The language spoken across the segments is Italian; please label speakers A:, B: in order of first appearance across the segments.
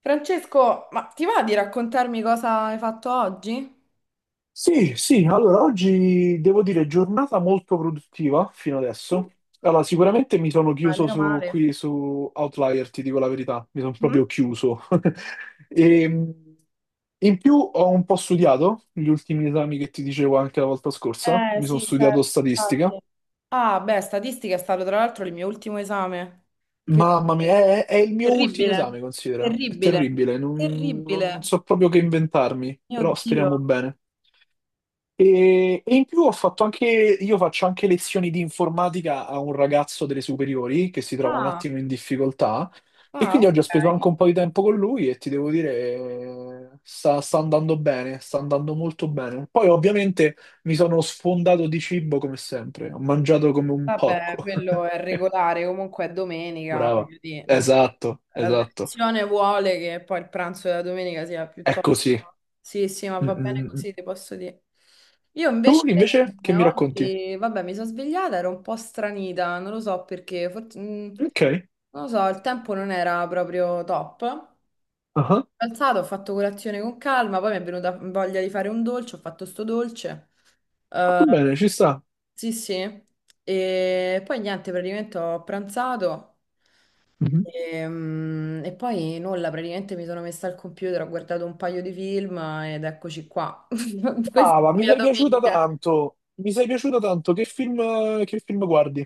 A: Francesco, ma ti va di raccontarmi cosa hai fatto oggi?
B: Sì, sì, allora oggi devo dire giornata molto produttiva fino
A: Mm?
B: adesso. Allora, sicuramente mi sono
A: Ah,
B: chiuso
A: meno
B: su,
A: male.
B: qui su Outlier, ti dico la verità, mi sono
A: Mhm.
B: proprio chiuso. E, in più ho un po' studiato gli ultimi esami che ti dicevo anche la volta scorsa,
A: Eh
B: mi sono
A: sì,
B: studiato
A: certo, infatti.
B: statistica.
A: Ah, beh, statistica è stato tra l'altro il mio ultimo esame. Che
B: Mamma mia,
A: orribile.
B: è il mio ultimo esame,
A: Terribile,
B: considera. È
A: terribile,
B: terribile, non
A: terribile.
B: so proprio che inventarmi,
A: Mio
B: però
A: Dio.
B: speriamo bene. E in più ho fatto anche, io faccio anche lezioni di informatica a un ragazzo delle superiori che si trova un
A: Ah,
B: attimo in difficoltà e
A: ah,
B: quindi oggi ho speso
A: ok.
B: anche un po' di tempo con lui e ti devo dire, sta andando bene, sta andando molto bene. Poi ovviamente mi sono sfondato di cibo come sempre, ho mangiato come un
A: Vabbè,
B: porco.
A: quello è regolare, comunque è domenica,
B: Brava.
A: quindi
B: Esatto,
A: la
B: esatto.
A: tradizione vuole che poi il pranzo della domenica sia
B: È
A: piuttosto.
B: così.
A: Sì, sì, ma
B: Mm,
A: va bene
B: mm, mm.
A: così, ti posso dire. Io
B: Tu
A: invece
B: invece che mi racconti?
A: oggi, vabbè, mi sono svegliata, ero un po' stranita, non lo so perché, forse,
B: Ok,
A: non lo so, il tempo non era proprio top.
B: ah,
A: Mi sono alzata, ho fatto colazione con calma, poi mi è venuta voglia di fare un dolce, ho fatto sto dolce. Eh,
B: fatto bene, ci sta.
A: sì, sì. E poi niente, praticamente ho pranzato e poi nulla, praticamente mi sono messa al computer, ho guardato un paio di film ed eccoci qua. Questa
B: Ah,
A: è
B: ma
A: la
B: mi
A: mia
B: sei piaciuta
A: domenica.
B: tanto. Mi sei piaciuta tanto. Che film guardi?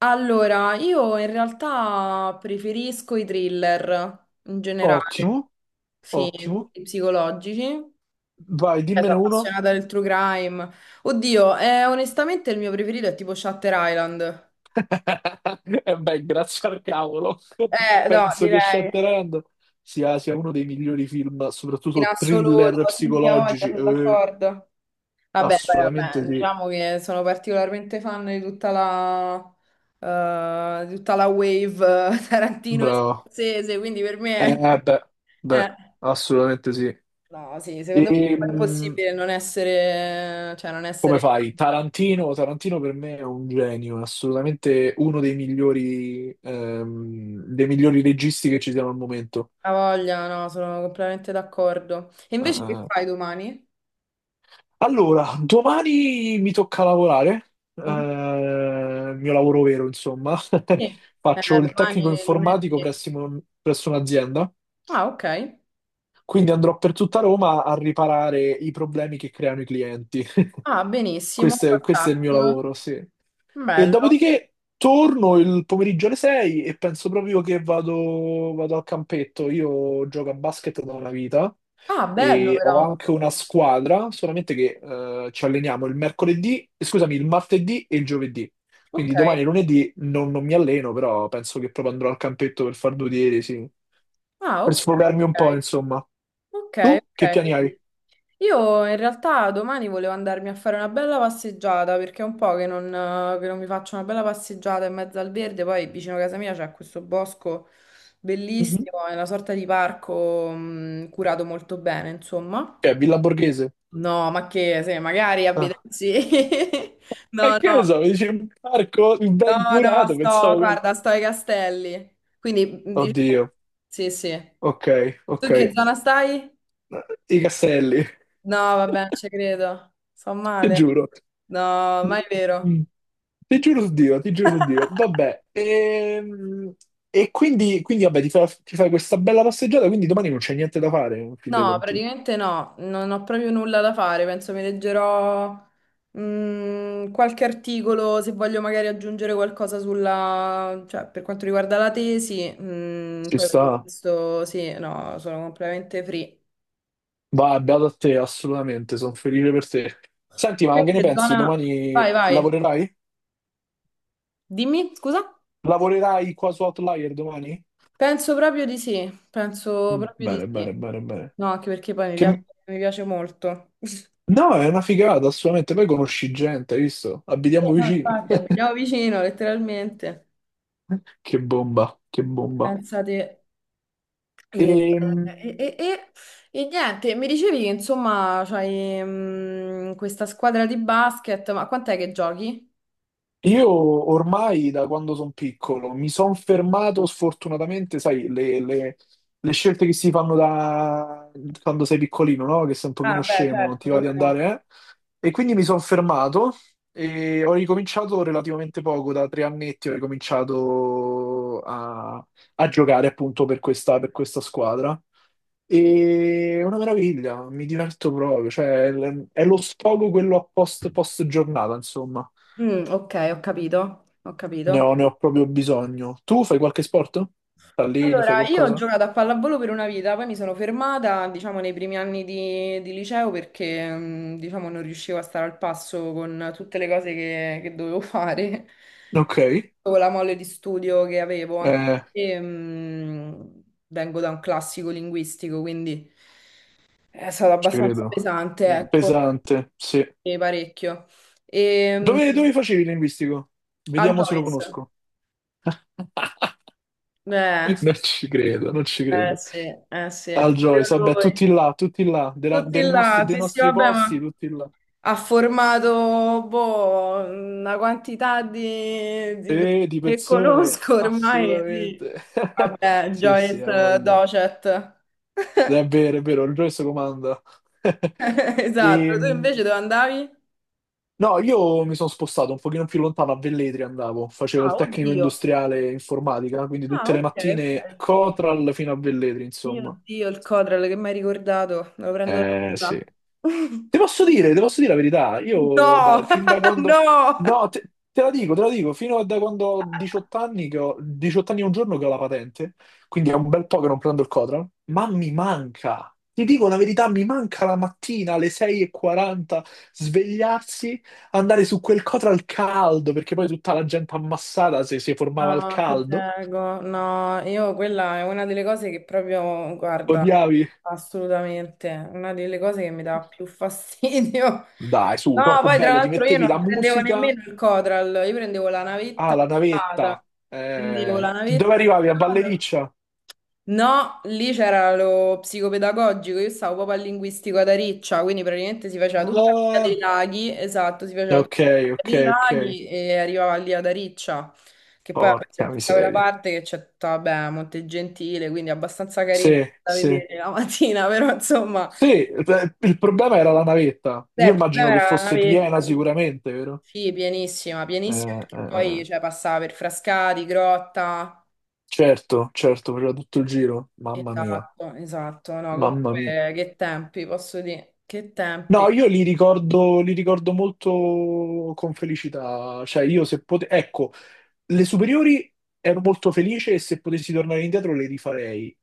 A: Allora, io in realtà preferisco i thriller in generale,
B: Ottimo,
A: sì,
B: ottimo.
A: quelli psicologici.
B: Vai,
A: Cioè,
B: dimmene
A: sono
B: uno.
A: appassionata del true crime. Oddio, onestamente il mio preferito è tipo Shutter Island.
B: E beh, grazie al cavolo.
A: No,
B: Penso che
A: direi.
B: Shutter Island sia uno dei migliori film,
A: In
B: soprattutto thriller
A: assoluto, sì, sì, ho voglia,
B: psicologici.
A: sono d'accordo. Vabbè, poi,
B: Assolutamente
A: vabbè,
B: sì.
A: diciamo che sono particolarmente fan di tutta la wave Tarantino e
B: Bravo.
A: Scorsese, quindi per me
B: Beh,
A: è.
B: beh,
A: Eh,
B: assolutamente sì.
A: no, sì, secondo me è
B: Ehm,
A: impossibile non essere, cioè, non
B: Come
A: essere
B: fai?
A: fan.
B: Tarantino, Tarantino per me è un genio, è assolutamente uno dei migliori registi che ci siano al momento.
A: Ha voglia, no, sono completamente d'accordo. E invece che fai
B: Eh.
A: domani?
B: Allora, domani mi tocca lavorare,
A: Mhm.
B: il mio lavoro vero, insomma.
A: Sì.
B: Faccio il tecnico
A: Domani è lunedì.
B: informatico presso presso un'azienda,
A: Ah, ok.
B: quindi andrò per tutta Roma a riparare i problemi che creano i clienti.
A: Ah, benissimo,
B: Questo è il mio
A: fantastico.
B: lavoro, sì. E
A: Bello.
B: dopodiché torno il pomeriggio alle 6 e penso proprio che vado al campetto. Io gioco a basket da una vita
A: Ah, bello
B: e ho
A: però.
B: anche una squadra, solamente che ci alleniamo il mercoledì, scusami, il martedì e il giovedì. Quindi
A: Ok.
B: domani e lunedì non mi alleno, però penso che proprio andrò al campetto per far due tiri, sì.
A: Ah,
B: Per
A: ok,
B: sfogarmi un po',
A: ok.
B: insomma.
A: Ok,
B: Tu che
A: ok.
B: piani hai?
A: Vedi. Io in realtà domani volevo andarmi a fare una bella passeggiata perché è un po' che non mi faccio una bella passeggiata in mezzo al verde. Poi vicino a casa mia c'è questo bosco
B: Mhm.
A: bellissimo, è una sorta di parco curato molto bene, insomma.
B: Che è Villa Borghese?
A: No, ma che se magari
B: Ah.
A: abitassi. No,
B: E che
A: no,
B: ne so, mi dici un parco ben
A: no, no,
B: curato, pensavo che.
A: guarda, sto ai castelli. Quindi diciamo,
B: Oddio,
A: sì, sì.
B: ok,
A: Tu
B: ok.
A: in che zona stai?
B: I castelli,
A: No, vabbè, non ci credo. Fa
B: ti
A: male.
B: giuro.
A: No, ma è vero.
B: Mm. Ti giuro su Dio, ti giuro su Dio. Vabbè, e, quindi vabbè, ti fai questa bella passeggiata, quindi domani non c'è niente da fare, in fin dei
A: No,
B: conti.
A: praticamente no, non ho proprio nulla da fare. Penso mi leggerò qualche articolo se voglio magari aggiungere qualcosa sulla, cioè, per quanto riguarda la tesi. mm,
B: Ci
A: poi per il
B: sta.
A: resto sì, no, sono completamente free.
B: Va, beato a te, assolutamente, sono felice per te. Senti, ma
A: Te,
B: che ne
A: che
B: pensi?
A: zona?
B: Domani
A: Vai, vai.
B: lavorerai?
A: Dimmi, scusa?
B: Lavorerai qua su Outlier domani?
A: Penso proprio di sì, penso
B: Mm.
A: proprio di
B: Bene,
A: sì.
B: bene, bene, bene.
A: No, anche perché poi mi piace
B: Che,
A: mi piace molto.
B: No, è una figata, assolutamente. Poi conosci gente, hai visto?
A: Sì,
B: Abitiamo
A: no,
B: vicini.
A: infatti, abitiamo vicino, letteralmente.
B: Che bomba, che bomba.
A: Pensate, e,
B: Ehm,
A: e- e- e- niente, mi dicevi che insomma c'hai questa squadra di basket, ma quant'è che giochi?
B: io ormai da quando sono piccolo mi sono fermato, sfortunatamente, sai, le scelte che si fanno da quando sei piccolino, no? Che sei un
A: Ah,
B: pochino
A: beh,
B: scemo, non ti
A: certo,
B: va di
A: come no.
B: andare, eh? E quindi mi sono fermato e ho ricominciato relativamente poco, da 3 annetti ho ricominciato a giocare appunto per questa squadra. E è una meraviglia, mi diverto proprio, cioè è lo sfogo quello a post giornata, insomma.
A: Mm, ok, ho capito, ho capito.
B: Ne ho proprio bisogno. Tu fai qualche sport? T'alleni, fai
A: Allora, io ho
B: qualcosa?
A: giocato a pallavolo per una vita, poi mi sono fermata, diciamo, nei primi anni di liceo perché, diciamo, non riuscivo a stare al passo con tutte le cose che dovevo fare,
B: Ok,
A: con la molle di studio che avevo, anche perché, vengo da un classico linguistico, quindi è stato
B: ci
A: abbastanza
B: credo.
A: pesante, ecco,
B: Pesante, sì.
A: e parecchio. E,
B: Dove, dove facevi il linguistico?
A: al
B: Vediamo se lo
A: Joyce,
B: conosco.
A: eh,
B: Non ci credo, non ci
A: eh
B: credo.
A: sì, eh sì,
B: Al Joyce,
A: proprio
B: vabbè,
A: lui.
B: tutti là,
A: Tutti là,
B: dei
A: sì, sì,
B: nostri
A: vabbè,
B: posti,
A: ma
B: tutti là.
A: ha formato boh, una quantità di persone
B: Di
A: che
B: pezzone,
A: conosco ormai, sì.
B: assolutamente.
A: Vabbè,
B: Sì, sì, ha
A: Joyce
B: voglia.
A: Docet.
B: È vero, il resto comanda.
A: Esatto, tu
B: Ehm,
A: invece dove andavi?
B: no, io mi sono spostato un pochino più lontano, a Velletri andavo, facevo
A: Ah,
B: il tecnico
A: oddio.
B: industriale informatica, quindi
A: Ah,
B: tutte le
A: ok,
B: mattine
A: ok.
B: Cotral fino a Velletri,
A: Mio
B: insomma.
A: Dio, il Codral che mi hai ricordato, me lo prendo da te
B: Sì.
A: là.
B: Ti posso dire la verità, io
A: No,
B: fin da quando.
A: no.
B: No, te la dico, te la dico, fino a da quando ho 18 anni, che ho 18 anni e un giorno che ho la patente, quindi è un bel po' che non prendo il Cotral, ma mi manca, ti dico la verità, mi manca la mattina alle 6:40 svegliarsi, andare su quel Cotral caldo, perché poi tutta la gente ammassata si formava al
A: No, ti
B: caldo.
A: prego, no, io quella è una delle cose che proprio, guarda,
B: Odiavi.
A: assolutamente, una delle cose che mi dà più fastidio.
B: Dai, su,
A: No,
B: troppo
A: poi tra
B: bello, ti
A: l'altro io
B: mettevi
A: non
B: la
A: prendevo
B: musica.
A: nemmeno il Codral, io prendevo la
B: Ah,
A: navetta
B: la
A: privata,
B: navetta.
A: prendevo la
B: Dove
A: navetta
B: arrivavi? A
A: privata.
B: Ballericcia?
A: No, lì c'era lo psicopedagogico, io stavo proprio al linguistico ad Ariccia, quindi praticamente si faceva tutta la via dei
B: Ah,
A: laghi, esatto, si faceva tutta
B: ok,
A: la
B: ok,
A: via dei
B: ok.
A: laghi e arrivava lì ad Ariccia, che poi vabbè, c'è
B: Porca
A: tutta quella
B: miseria.
A: parte che c'è tutta, vabbè, Montegentile, quindi abbastanza carina
B: Sì,
A: da
B: sì.
A: vedere la mattina, però insomma,
B: Sì, il problema era la navetta. Io
A: il problema
B: immagino che
A: era la
B: fosse
A: navetta,
B: piena
A: sì.
B: sicuramente, vero?
A: Sì, pienissima,
B: Eh,
A: pienissima,
B: eh,
A: perché poi
B: eh.
A: cioè, passava per Frascati, Grotta.
B: Certo, certo, faceva tutto il giro. Mamma mia,
A: Esatto, esatto, no,
B: mamma mia.
A: comunque che tempi, posso dire, che tempi.
B: No, io li ricordo molto con felicità. Cioè, io se potevo, ecco, le superiori ero molto felice e se potessi tornare indietro le rifarei.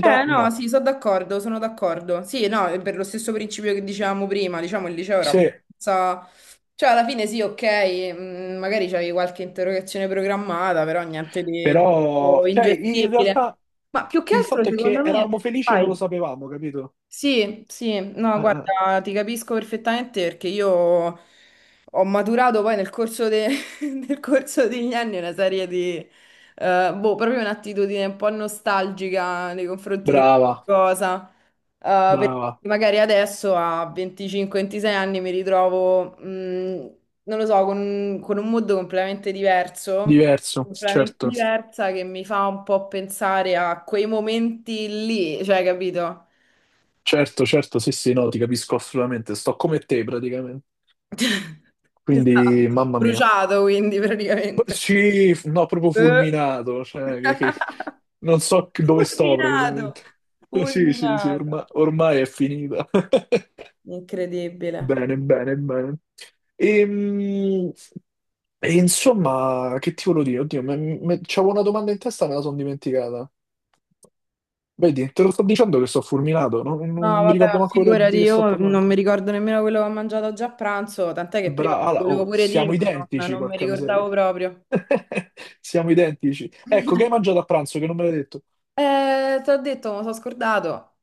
A: Eh no,
B: no.
A: sì, sono d'accordo, sono d'accordo. Sì, no, è per lo stesso principio che dicevamo prima, diciamo il liceo era
B: Se,
A: abbastanza. Cioè, alla fine sì, ok, magari c'avevi qualche interrogazione programmata, però niente di
B: però,
A: troppo
B: cioè, in
A: ingestibile.
B: realtà
A: Ma più che
B: il
A: altro,
B: fatto è che
A: secondo
B: eravamo
A: me,
B: felici e non lo
A: vai.
B: sapevamo, capito?
A: Sì, sì, no,
B: Eh.
A: guarda, ti capisco perfettamente perché io ho maturato poi nel corso degli anni una serie di, boh, proprio un'attitudine un po' nostalgica nei confronti di
B: Brava,
A: qualcosa. Cosa, perché
B: brava.
A: magari adesso a 25-26 anni mi ritrovo, non lo so, con un mood completamente diverso,
B: Diverso,
A: completamente
B: certo.
A: diversa che mi fa un po' pensare a quei momenti lì, cioè, capito?
B: Certo, certo, sì, sì, no, ti capisco assolutamente. Sto come te praticamente. Quindi,
A: Esatto,
B: mamma mia.
A: bruciato quindi praticamente.
B: Sì, no, proprio
A: Eh.
B: fulminato, cioè, non so dove sto
A: Fulminato,
B: praticamente. Sì, sì, sì,
A: fulminato.
B: ormai è finita.
A: Incredibile.
B: Bene, bene, bene. Ehm, E, insomma, che ti volevo dire? Oddio, c'avevo una domanda in testa, e me la sono dimenticata. Vedi, te lo sto dicendo che sto fulminato, non,
A: No,
B: non mi
A: vabbè,
B: ricordo manco quello
A: figurati,
B: di che sto
A: io non
B: parlando.
A: mi ricordo nemmeno quello che ho mangiato già a pranzo, tant'è che prima te lo
B: Brava,
A: volevo
B: oh,
A: pure
B: siamo
A: dire, ma non,
B: identici,
A: non mi
B: porca miseria.
A: ricordavo proprio.
B: Siamo identici. Ecco, che hai mangiato a pranzo che non me l'hai detto?
A: Te l'ho detto, mi sono scordato.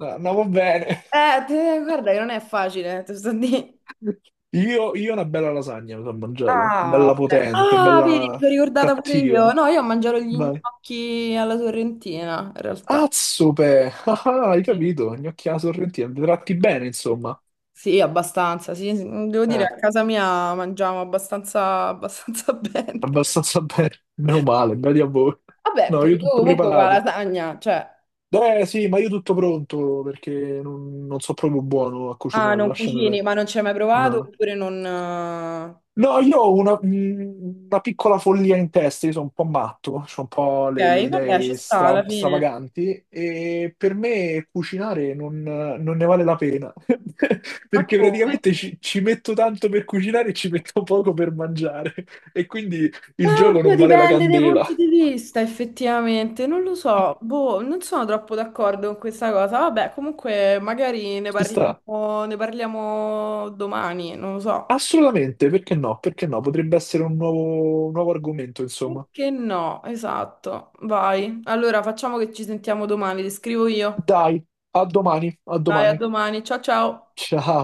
B: Ah, no, va bene.
A: Guarda che non è facile, te lo sto a dire.
B: Io una bella lasagna mi sono mangiato,
A: Ah,
B: bella
A: ok.
B: potente,
A: Ah, vedi, mi
B: bella
A: sono ricordata pure io.
B: cattiva.
A: No, io ho mangiato gli
B: Vai.
A: gnocchi alla sorrentina, in realtà.
B: Azzope! Ah, ah, hai
A: Sì,
B: capito? Gnocchia sorrentina, vi tratti bene, insomma.
A: sì, abbastanza. Sì, sì. Devo dire,
B: Eh,
A: a casa mia mangiamo abbastanza, abbastanza bene.
B: abbastanza bene, meno male, bravi a voi.
A: Vabbè,
B: No, io
A: pure tu
B: tutto
A: comunque con la
B: preparato.
A: lasagna, cioè.
B: Eh sì, ma io tutto pronto, perché non so proprio buono a
A: Ah,
B: cucinare,
A: non
B: lasciami
A: cucini,
B: perdere.
A: ma non ci hai mai provato
B: No.
A: oppure non.
B: No, io ho una piccola follia in testa, io sono un po' matto, ho un po' le
A: Ok, vabbè, ci
B: idee
A: sta alla fine.
B: stravaganti e per me cucinare non ne vale la pena.
A: Ma
B: Perché
A: come?
B: praticamente ci metto tanto per cucinare e ci metto poco per mangiare e quindi
A: Ah,
B: il gioco
A: oddio,
B: non vale la
A: dipende dai
B: candela.
A: punti di vista, effettivamente. Non lo so, boh, non sono troppo d'accordo con questa cosa. Vabbè, comunque, magari
B: Ci sta?
A: ne parliamo domani, non lo so.
B: Assolutamente, perché no? Perché no? Potrebbe essere un nuovo argomento, insomma.
A: Perché no? Esatto. Vai. Allora, facciamo che ci sentiamo domani, ti scrivo io.
B: Dai, a domani, a
A: Dai, a
B: domani.
A: domani. Ciao ciao.
B: Ciao.